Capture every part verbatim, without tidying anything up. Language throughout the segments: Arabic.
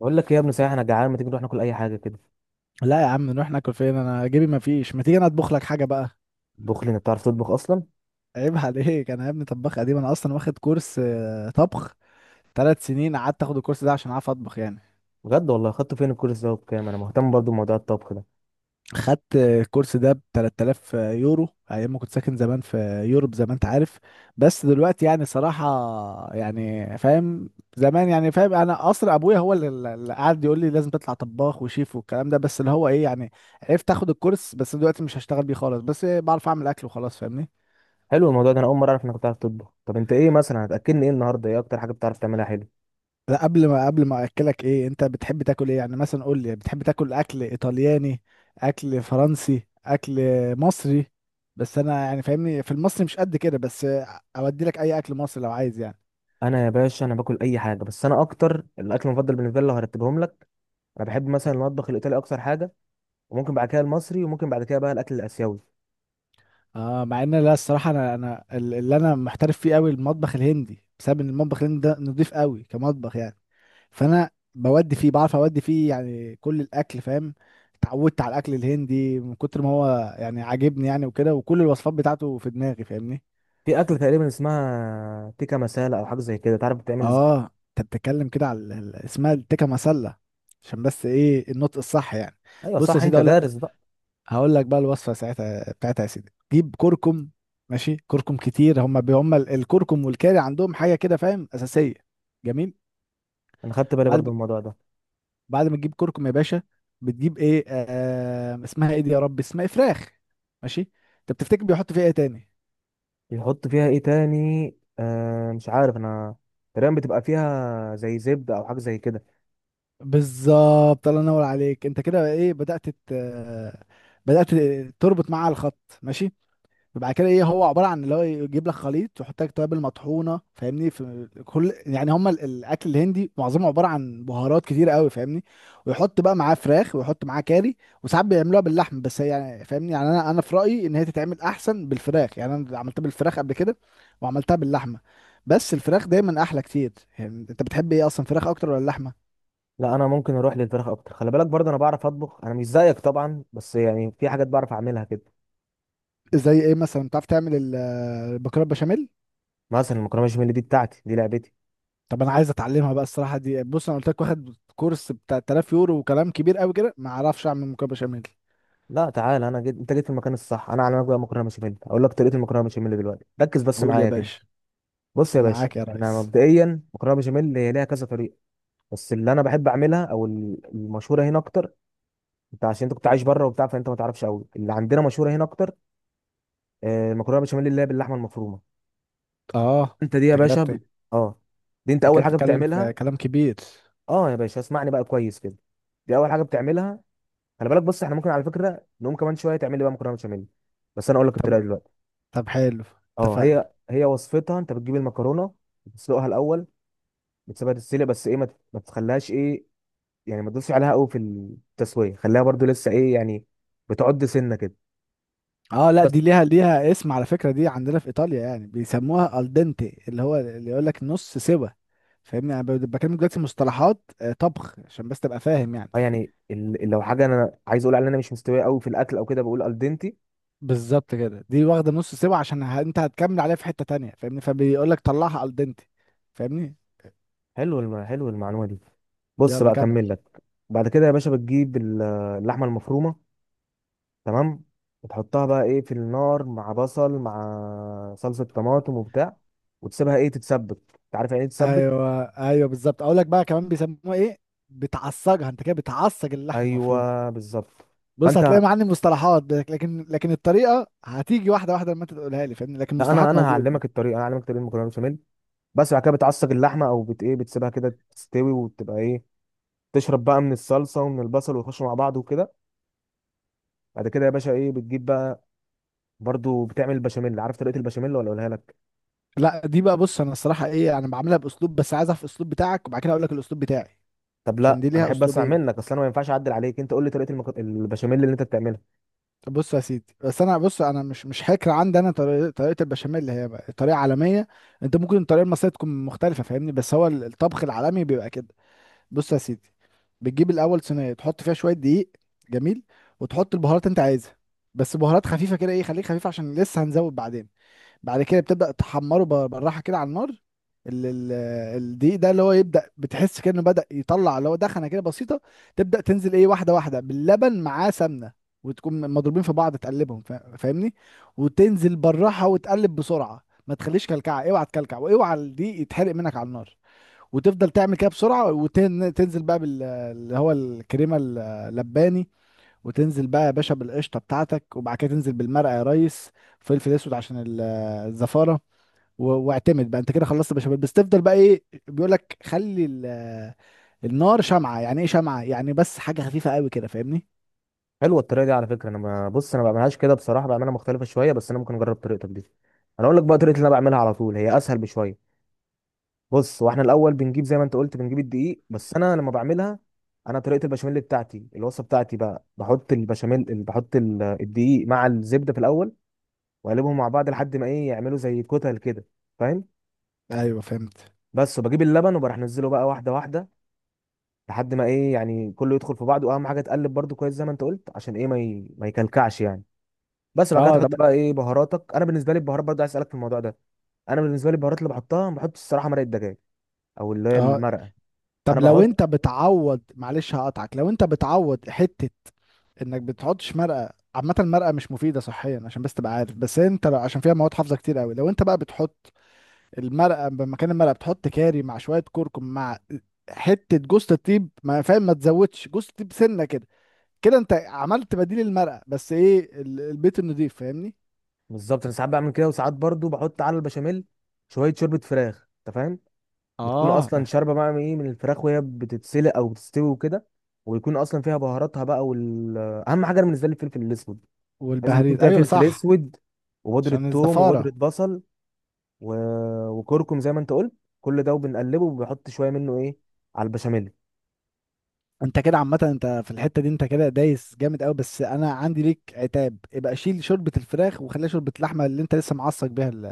بقول لك ايه يا ابني، صحيح انا جعان، ما تيجي نروح ناكل اي حاجه كده؟ لا يا عم، نروح ناكل فين؟ انا جيبي ما فيش. ما تيجي انا اطبخ لك حاجه بقى. طبخ لي؟ انت بتعرف تطبخ اصلا؟ عيب عليك، انا يا ابني طباخ قديم، انا اصلا واخد كورس آه، طبخ. ثلاث سنين قعدت اخد الكورس ده عشان اعرف اطبخ يعني. بجد والله؟ خدته فين الكورس ده؟ وبكام؟ انا مهتم برضو بموضوع الطبخ ده. خدت آه، الكورس ده ب تلات آلاف يورو ايام ما كنت ساكن زمان في يوروب زي ما انت عارف. بس دلوقتي يعني صراحه، يعني فاهم. زمان يعني فاهم، انا اصلا ابويا هو اللي اللي قعد يقول لي لازم تطلع طباخ وشيف والكلام ده، بس اللي هو ايه يعني، عرفت اخد الكورس. بس دلوقتي مش هشتغل بيه خالص، بس بعرف اعمل اكل وخلاص، فاهمني؟ حلو الموضوع ده. انا اول مره اعرف انك بتعرف تطبخ. طب انت ايه مثلا هتاكلني ايه النهارده؟ ايه اكتر حاجه بتعرف تعملها؟ حلو. لا، قبل ما قبل ما اكلك ايه، انت بتحب تاكل ايه يعني؟ مثلا قول لي، بتحب تاكل اكل ايطالياني، اكل فرنسي، اكل مصري؟ بس انا يعني فاهمني في المصري مش قد كده، بس اودي لك اي اكل مصري لو عايز يعني. انا يا باشا، انا باكل اي حاجه، بس انا اكتر الاكل المفضل بالنسبه لي لو هرتبهم لك. انا بحب مثلا المطبخ الايطالي اكتر حاجه، وممكن بعد كده المصري، وممكن بعد كده بقى الاكل الاسيوي. اه، مع ان لا الصراحه، انا انا ال- اللي انا محترف فيه قوي المطبخ الهندي، بسبب ان المطبخ الهندي ده نضيف قوي كمطبخ يعني. فانا بودي فيه، بعرف اودي فيه يعني كل الاكل فاهم. اتعودت على الاكل الهندي من كتر ما هو يعني عاجبني يعني، وكده، وكل الوصفات بتاعته في دماغي فاهمني. في اكل تقريبا اسمها تيكا مسالة او حاجه زي كده، تعرف بتعمل ازاي؟ اه، انت بتتكلم كده على ال- ال- اسمها التكه مسله، عشان بس ايه النطق الصح يعني. ايوه بص يا صح، سيدي انت اقول دارس لك. بقى. هقول لك بقى الوصفه ساعتها بتاعتها، يا سيدي جيب كركم. ماشي، كركم كتير، هم هم الكركم والكاري عندهم حاجه كده فاهم اساسيه، جميل. انا خدت بالي بعد برضو ما- من الموضوع ده. بعد ما تجيب كركم يا باشا، بتجيب ايه، آه اسمها ايه دي، يا رب اسمها إيه؟ فراخ، ماشي. انت بتفتكر بيحط فيها ايه تاني؟ بيحط فيها ايه تاني؟ آه مش عارف انا. تقريبا بتبقى فيها زي زبدة او حاجة زي كده. بالظبط، الله ينور عليك، انت كده ايه، بدأت ت- بدأت تربط معاها الخط، ماشي. بعد كده ايه، هو عباره عن اللي هو يجيب لك خليط ويحط لك توابل مطحونه فاهمني، في كل يعني، هم ال- الاكل الهندي معظمه عباره عن بهارات كتير قوي فاهمني. ويحط بقى معاه فراخ، ويحط معاه كاري. وساعات بيعملوها باللحم، بس هي يعني فاهمني يعني، انا انا في رايي ان هي تتعمل احسن بالفراخ يعني. انا عملتها بالفراخ قبل كده، وعملتها باللحمه، بس الفراخ دايما احلى كتير يعني. انت بتحب ايه اصلا، فراخ اكتر ولا اللحمه؟ لا، انا ممكن اروح للفراخ اكتر. خلي بالك برضه انا بعرف اطبخ، انا مش زيك طبعا، بس يعني في حاجات بعرف اعملها كده. زي ايه مثلا، بتعرف تعمل ال- البكره بشاميل؟ مثلا المكرونة بشاميل دي بتاعتي، دي لعبتي. طب انا عايز اتعلمها بقى الصراحه دي. بص، انا قلت لك واخد كورس ب ثلاثة آلاف يورو وكلام كبير قوي كده، ما اعرفش اعمل مكرونه بشاميل. لا تعالى، انا جيت، انت جيت في المكان الصح. انا اعلمك بقى مكرونه بشاميل. اقول لك طريقه المكرونه بشاميل دلوقتي، ركز بس قول يا معايا كده. باشا. بص يا باشا، معاك يا احنا ريس. مبدئيا مكرونه بشاميل هي ليها كذا طريقه. بس اللي انا بحب اعملها او ال- المشهوره هنا اكتر. انت عشان انت كنت عايش بره وبتاع، فانت ما تعرفش قوي اللي عندنا مشهوره هنا اكتر. آه، مكرونه بشاميل اللي هي باللحمه المفرومه. اه، انت دي يا انت كده باشا بت- ب... انت اه، دي انت كده اول حاجه بتتكلم بتعملها. في كلام كبير. اه يا باشا، اسمعني بقى كويس كده. دي اول حاجه بتعملها. خلي بالك، بص احنا ممكن على فكره نقوم كمان شويه تعمل لي بقى مكرونه بشاميل. بس انا اقول لك الطريقه طب دلوقتي. طب حلو. اه، هي اتفقنا. هي وصفتها. انت بتجيب المكرونه، بتسلقها الاول. بتسيبها تتسلق، بس ايه، ما ت- ما تخليهاش ايه، يعني ما تدوسش عليها قوي في التسويه، خليها برضو لسه ايه يعني، بتعد سنه كده اه لا، دي بس. ليها ليها اسم على فكره، دي عندنا في ايطاليا يعني بيسموها الدنتي، اللي هو اللي يقول لك نص سوا. فاهمني، انا ب- بكلمك دلوقتي مصطلحات آه، طبخ عشان بس تبقى فاهم يعني. اه يعني، ال- لو حاجه انا عايز اقول عليها ان انا مش مستويه قوي في الاكل او كده، بقول الدنتي. بالظبط كده، دي واخده نص سوا عشان ه... انت هتكمل عليها في حته تانية فاهمني، فبيقول لك طلعها الدنتي، فاهمني. حلو الم... حلو المعلومه دي. بص يلا بقى، كمل. اكمل لك. بعد كده يا باشا بتجيب ال- اللحمه المفرومه. تمام. وتحطها بقى ايه في النار، مع بصل، مع صلصه طماطم وبتاع، وتسيبها ايه تتسبك. انت عارف يعني ايه تتسبك؟ ايوه ايوه بالظبط، اقول لك بقى كمان بيسموها ايه، بتعصجها، انت كده بتعصج اللحم المفروم. ايوه بالظبط. بص، فانت هتلاقي معاني مصطلحات لك- لكن لكن الطريقه هتيجي واحده واحده لما انت تقولها لي فاهمني، لكن لا، انا المصطلحات انا موجود. هعلمك الطريقه، انا هعلمك طريقه المكرونه بشاميل. بس بعد كده بتعصج اللحمه، او بت ايه بتسيبها كده تستوي وتبقى ايه، تشرب بقى من الصلصه ومن البصل، ويخشوا مع بعض وكده. بعد كده يا باشا ايه بتجيب بقى؟ برضو بتعمل البشاميل. عارف طريقه البشاميل ولا اقولها لك؟ لا دي بقى، بص انا الصراحه ايه، انا بعملها باسلوب، بس عايزها في الاسلوب بتاعك، وبعد كده اقول لك الاسلوب بتاعي، طب عشان لا، دي انا ليها احب اسمع اسلوبين. منك. اصل انا ما ينفعش اعدل عليك. انت قول لي طريقه المك... البشاميل اللي انت بتعملها. طب بص يا سيدي، بس انا بص، انا مش مش هكر، عندي انا طريقه طريقه البشاميل اللي هي بقى طريقه عالميه. انت ممكن الطريقه المصريه تكون مختلفه فاهمني، بس هو ال- الطبخ العالمي بيبقى كده. بص يا سيدي، بتجيب الاول صينيه تحط فيها شويه دقيق، جميل. وتحط البهارات انت عايزها، بس بهارات خفيفه كده، ايه خليك خفيف عشان لسه هنزود بعدين. بعد كده بتبدأ تحمره بر- بالراحة كده على النار. ال- ال- الدقيق ده اللي هو يبدأ بتحس كأنه بدأ يطلع، اللي هو دخنة كده بسيطة. تبدأ تنزل ايه، واحدة واحدة، باللبن معاه سمنة، وتكون مضروبين في بعض تقلبهم فا- فاهمني. وتنزل بالراحة وتقلب بسرعة، ما تخليش كلكعة، اوعى تكلكع، واوعى الدقيق يتحرق منك على النار. وتفضل تعمل كده بسرعة، وتنزل بقى بال، اللي هو الكريمة اللباني. وتنزل بقى يا باشا بالقشطه بتاعتك، وبعد كده تنزل بالمرقه يا ريس. فلفل اسود عشان ال- الزفاره. و- واعتمد بقى، انت كده خلصت بشاميل، بس تفضل بقى ايه بيقول لك خلي ال- النار شمعه، يعني ايه شمعه يعني، بس حاجه خفيفه قوي كده فاهمني. حلوه الطريقه دي على فكره. انا ما... بص انا ما بعملهاش كده بصراحه، بعملها مختلفه شويه، بس انا ممكن اجرب طريقتك دي. انا اقول لك بقى طريقه اللي انا بعملها على طول، هي اسهل بشويه. بص، واحنا الاول بنجيب زي ما انت قلت، بنجيب الدقيق، بس انا لما بعملها، انا طريقه البشاميل بتاعتي، الوصفه بتاعتي بقى، بحط البشاميل ال- بحط ال- الدقيق مع الزبده في الاول، واقلبهم مع بعض لحد ما ايه يعملوا زي كتل كده. فاهم؟ ايوه فهمت. بس، وبجيب اللبن وبروح انزله بقى واحده واحده، لحد ما ايه يعني كله يدخل في بعضه. واهم حاجه تقلب برضو كويس زي ما انت قلت، عشان ايه ما ي... ما يكلكعش يعني. بس بعد كده اه طب. تحط بقى ايه بهاراتك. انا بالنسبه لي البهارات برضو عايز اسالك في الموضوع ده. انا بالنسبه لي البهارات اللي بحطها، ما بحطش الصراحه مرقه دجاج، او اللي هي اه المرقه. انا طب، لو بحط. انت بتعوض معلش هقطعك، لو انت بتعوض حته انك بتحطش مرقه، عامه المرقه مش مفيده صحيا عشان بس تبقى عارف، بس انت لو، عشان فيها مواد حافظه كتير قوي. لو انت بقى بتحط المرقه، مكان المرقه بتحط كاري مع شويه كركم، مع حته جوز الطيب، ما فاهم، ما تزودش جوز الطيب سنه كده. كده انت عملت بديل المرقه، بس ايه ال- البيت النضيف فاهمني. بالظبط، انا ساعات بعمل كده، وساعات برضو بحط على البشاميل شويه شوربه فراخ، انت فاهم؟ بتكون اه اصلا شاربه بقى من ايه، من الفراخ وهي بتتسلق او بتستوي وكده. ويكون اصلا فيها بهاراتها بقى، وال اهم حاجه أنا بالنسبه لي الفلفل الاسود، لازم يكون والبهاريز، فيها ايوه فلفل صح. اسود، وبودرة عشان ثوم وبودرة الزفاره. بصل، و... وكركم زي ما انت قلت. كل ده، وبنقلبه وبنحط شويه منه ايه على البشاميل. انت كده عامه انت في الحته دي انت كده دايس جامد قوي، بس انا عندي ليك عتاب، يبقى شيل شوربه الفراخ وخليها شوربه اللحمه اللي انت لسه معصق بيها ال-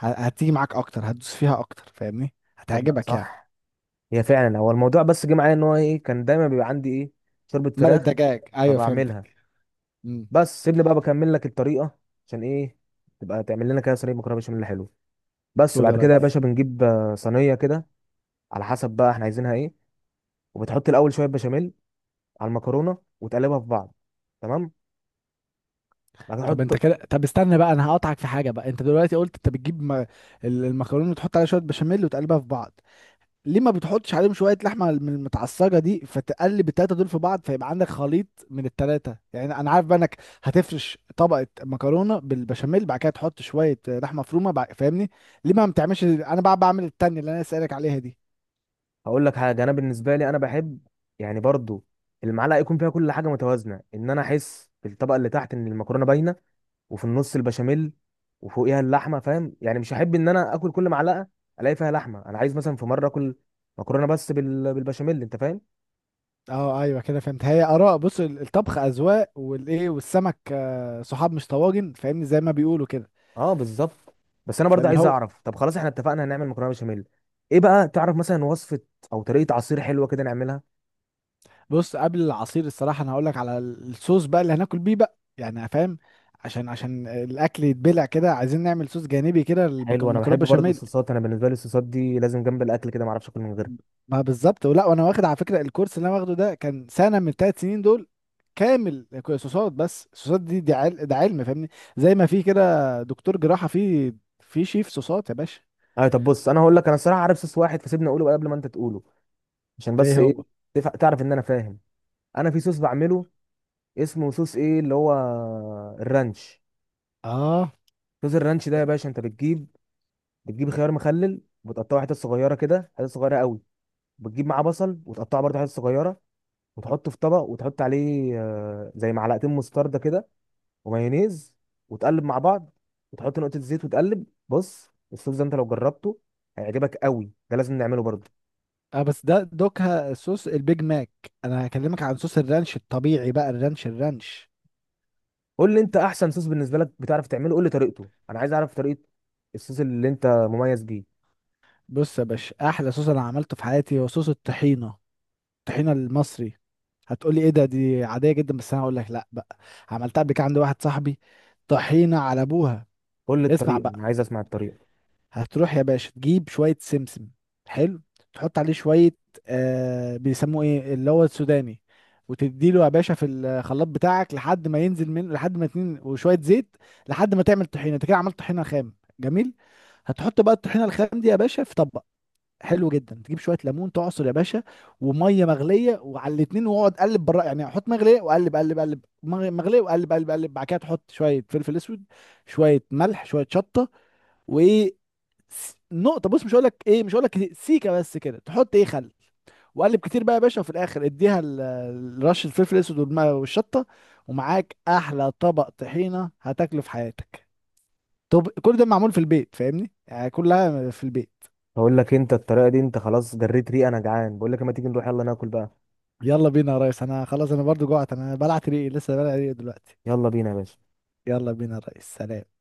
ه- هتيجي معاك اكتر، هتدوس فيها اكتر فاهمني، تصدق، هتعجبك يعني. صح. هي فعلا، هو الموضوع بس جه معايا ان هو ايه، كان دايما بيبقى عندي ايه، شوربه مرق فراخ، الدجاج، ايوه فبعملها. فهمتك. امم. بس سيبني بقى بكمل لك الطريقه. عشان ايه؟ تبقى تعمل لنا كده صينيه مكرونه بشاميل، حلو. بس قول يا بعد كده يا ريس. باشا بنجيب آه، صينيه كده، على حسب بقى احنا عايزينها ايه. وبتحط الاول شويه بشاميل على المكرونه وتقلبها في بعض. تمام. بعد كده طب انت تحط. كده، طب استنى بقى، انا هقطعك في حاجه بقى، انت دلوقتي قلت انت بتجيب م... ال- المكرونه وتحط عليها شويه بشاميل وتقلبها في بعض، ليه ما بتحطش عليهم شويه لحمه من المتعصجه دي، فتقلب التلاته دول في بعض، فيبقى عندك خليط من التلاته يعني. انا عارف بقى انك هتفرش طبقه مكرونه بالبشاميل، بعد كده تحط شويه لحمه مفرومه بع- فاهمني، ليه ما بتعملش انا بقى بعمل التانية اللي انا سألك عليها دي؟ هقول لك حاجه، انا بالنسبه لي انا بحب، يعني برضو، المعلقه يكون فيها كل حاجه متوازنه، ان انا احس في الطبقه اللي تحت ان المكرونه باينه، وفي النص البشاميل، وفوقيها اللحمه، فاهم يعني؟ مش هحب ان انا اكل كل معلقه الاقي فيها لحمه. انا عايز مثلا في مره اكل مكرونه بس بال... بالبشاميل، انت فاهم؟ اه ايوه كده فهمت، هي اراء، بص ال- الطبخ اذواق، والايه والسمك آه، صحاب مش طواجن فاهمني، زي ما بيقولوا كده. اه بالظبط. بس انا برضه فاللي عايز هو، اعرف، طب خلاص احنا اتفقنا هنعمل مكرونه بشاميل. ايه بقى تعرف مثلا وصفه او طريقه عصير حلوه كده نعملها؟ بص قبل العصير، الصراحة أنا هقولك على الصوص بقى اللي هناكل بيه بقى يعني فاهم، عشان عشان الأكل يتبلع كده، عايزين نعمل صوص جانبي كده حلو، انا للمكرونة بحب برضه بشاميل. الصوصات، انا بالنسبه لي الصوصات دي لازم جنب الاكل كده، ما اعرفش اكل من غيرها. ما بالظبط، ولا وأنا واخد على فكرة الكورس اللي أنا واخده ده كان سنة من التلات سنين دول كامل صوصات، بس الصوصات دي دي عل... ده علم فاهمني. زي ما في كده دكتور جراحة، في في شيف صوصات يا باشا. ايوه طب، بص انا هقول لك، انا الصراحه عارف صوص واحد، فسيبني اقوله قبل ما انت تقوله. عشان بس ايه ايه، هو؟ تف- تعرف ان انا فاهم. انا في صوص بعمله، اسمه صوص ايه اللي هو، الرانش. اه، صوص الرانش ده ده- يا باشا، انت بتجيب، بتجيب خيار مخلل وتقطعه حتت صغيره كده، حتت صغيره قوي. بتجيب معاه بصل، وتقطعه برضه حتت صغيره، وتحطه في طبق، وتحط عليه آه، زي معلقتين مستردة كده، ومايونيز، وتقلب مع بعض، وتحط نقطه زيت وتقلب. بص الصوص ده انت لو جربته هيعجبك قوي. ده لازم نعمله برضه. اه بس ده دوكها صوص البيج ماك. انا هكلمك عن صوص الرانش الطبيعي بقى، الرانش الرانش. قول لي انت، احسن صوص بالنسبه لك بتعرف تعمله قول لي طريقته، انا عايز اعرف طريقه الصوص اللي انت مميز بيه. بص يا باشا، احلى صوص انا عملته في حياتي هو صوص الطحينه، الطحينه المصري. هتقولي ايه ده، دي عاديه جدا، بس انا هقول لك لا بقى، عملتها قبل كده عند واحد صاحبي، طحينه على ابوها. قول لي اسمع الطريقه، بقى، انا عايز اسمع الطريقه. هتروح يا باشا تجيب شويه سمسم، حلو. تحط عليه شويه آه بيسموه ايه، اللي هو السوداني، وتديله يا باشا في الخلاط بتاعك لحد ما ينزل منه، لحد ما اتنين وشويه زيت، لحد ما تعمل طحينه. انت كده عملت طحينه خام جميل. هتحط بقى الطحينه الخام دي يا باشا في طبق، حلو جدا. تجيب شويه ليمون تعصر يا باشا، وميه مغليه، وعلى الاتنين واقعد قلب بره يعني، حط مغليه وقلب قلب قلب، مغ- مغليه وقلب قلب قلب. بعد كده تحط شويه فلفل اسود، شويه ملح، شويه شطه، وايه س- نقطه، بص مش هقول لك ايه، مش هقول لك سيكه، بس كده تحط ايه خل. وقلب كتير بقى يا باشا، وفي الاخر اديها ال- ال- رشه الفلفل الاسود والم- والشطه، ومعاك احلى طبق طحينه هتاكله في حياتك. طب كل ده معمول في البيت فاهمني، يعني كلها في البيت. بقول لك، انت الطريقه دي انت خلاص جريت ريقه. انا جعان بقول لك، اما تيجي نروح يلا ناكل بقى. يلا بينا يا ريس، انا خلاص، انا برضو جوعت، انا بلعت ريقي، لسه بلعت ريقي دلوقتي. يلا بينا يا باشا. يلا بينا يا ريس، سلام.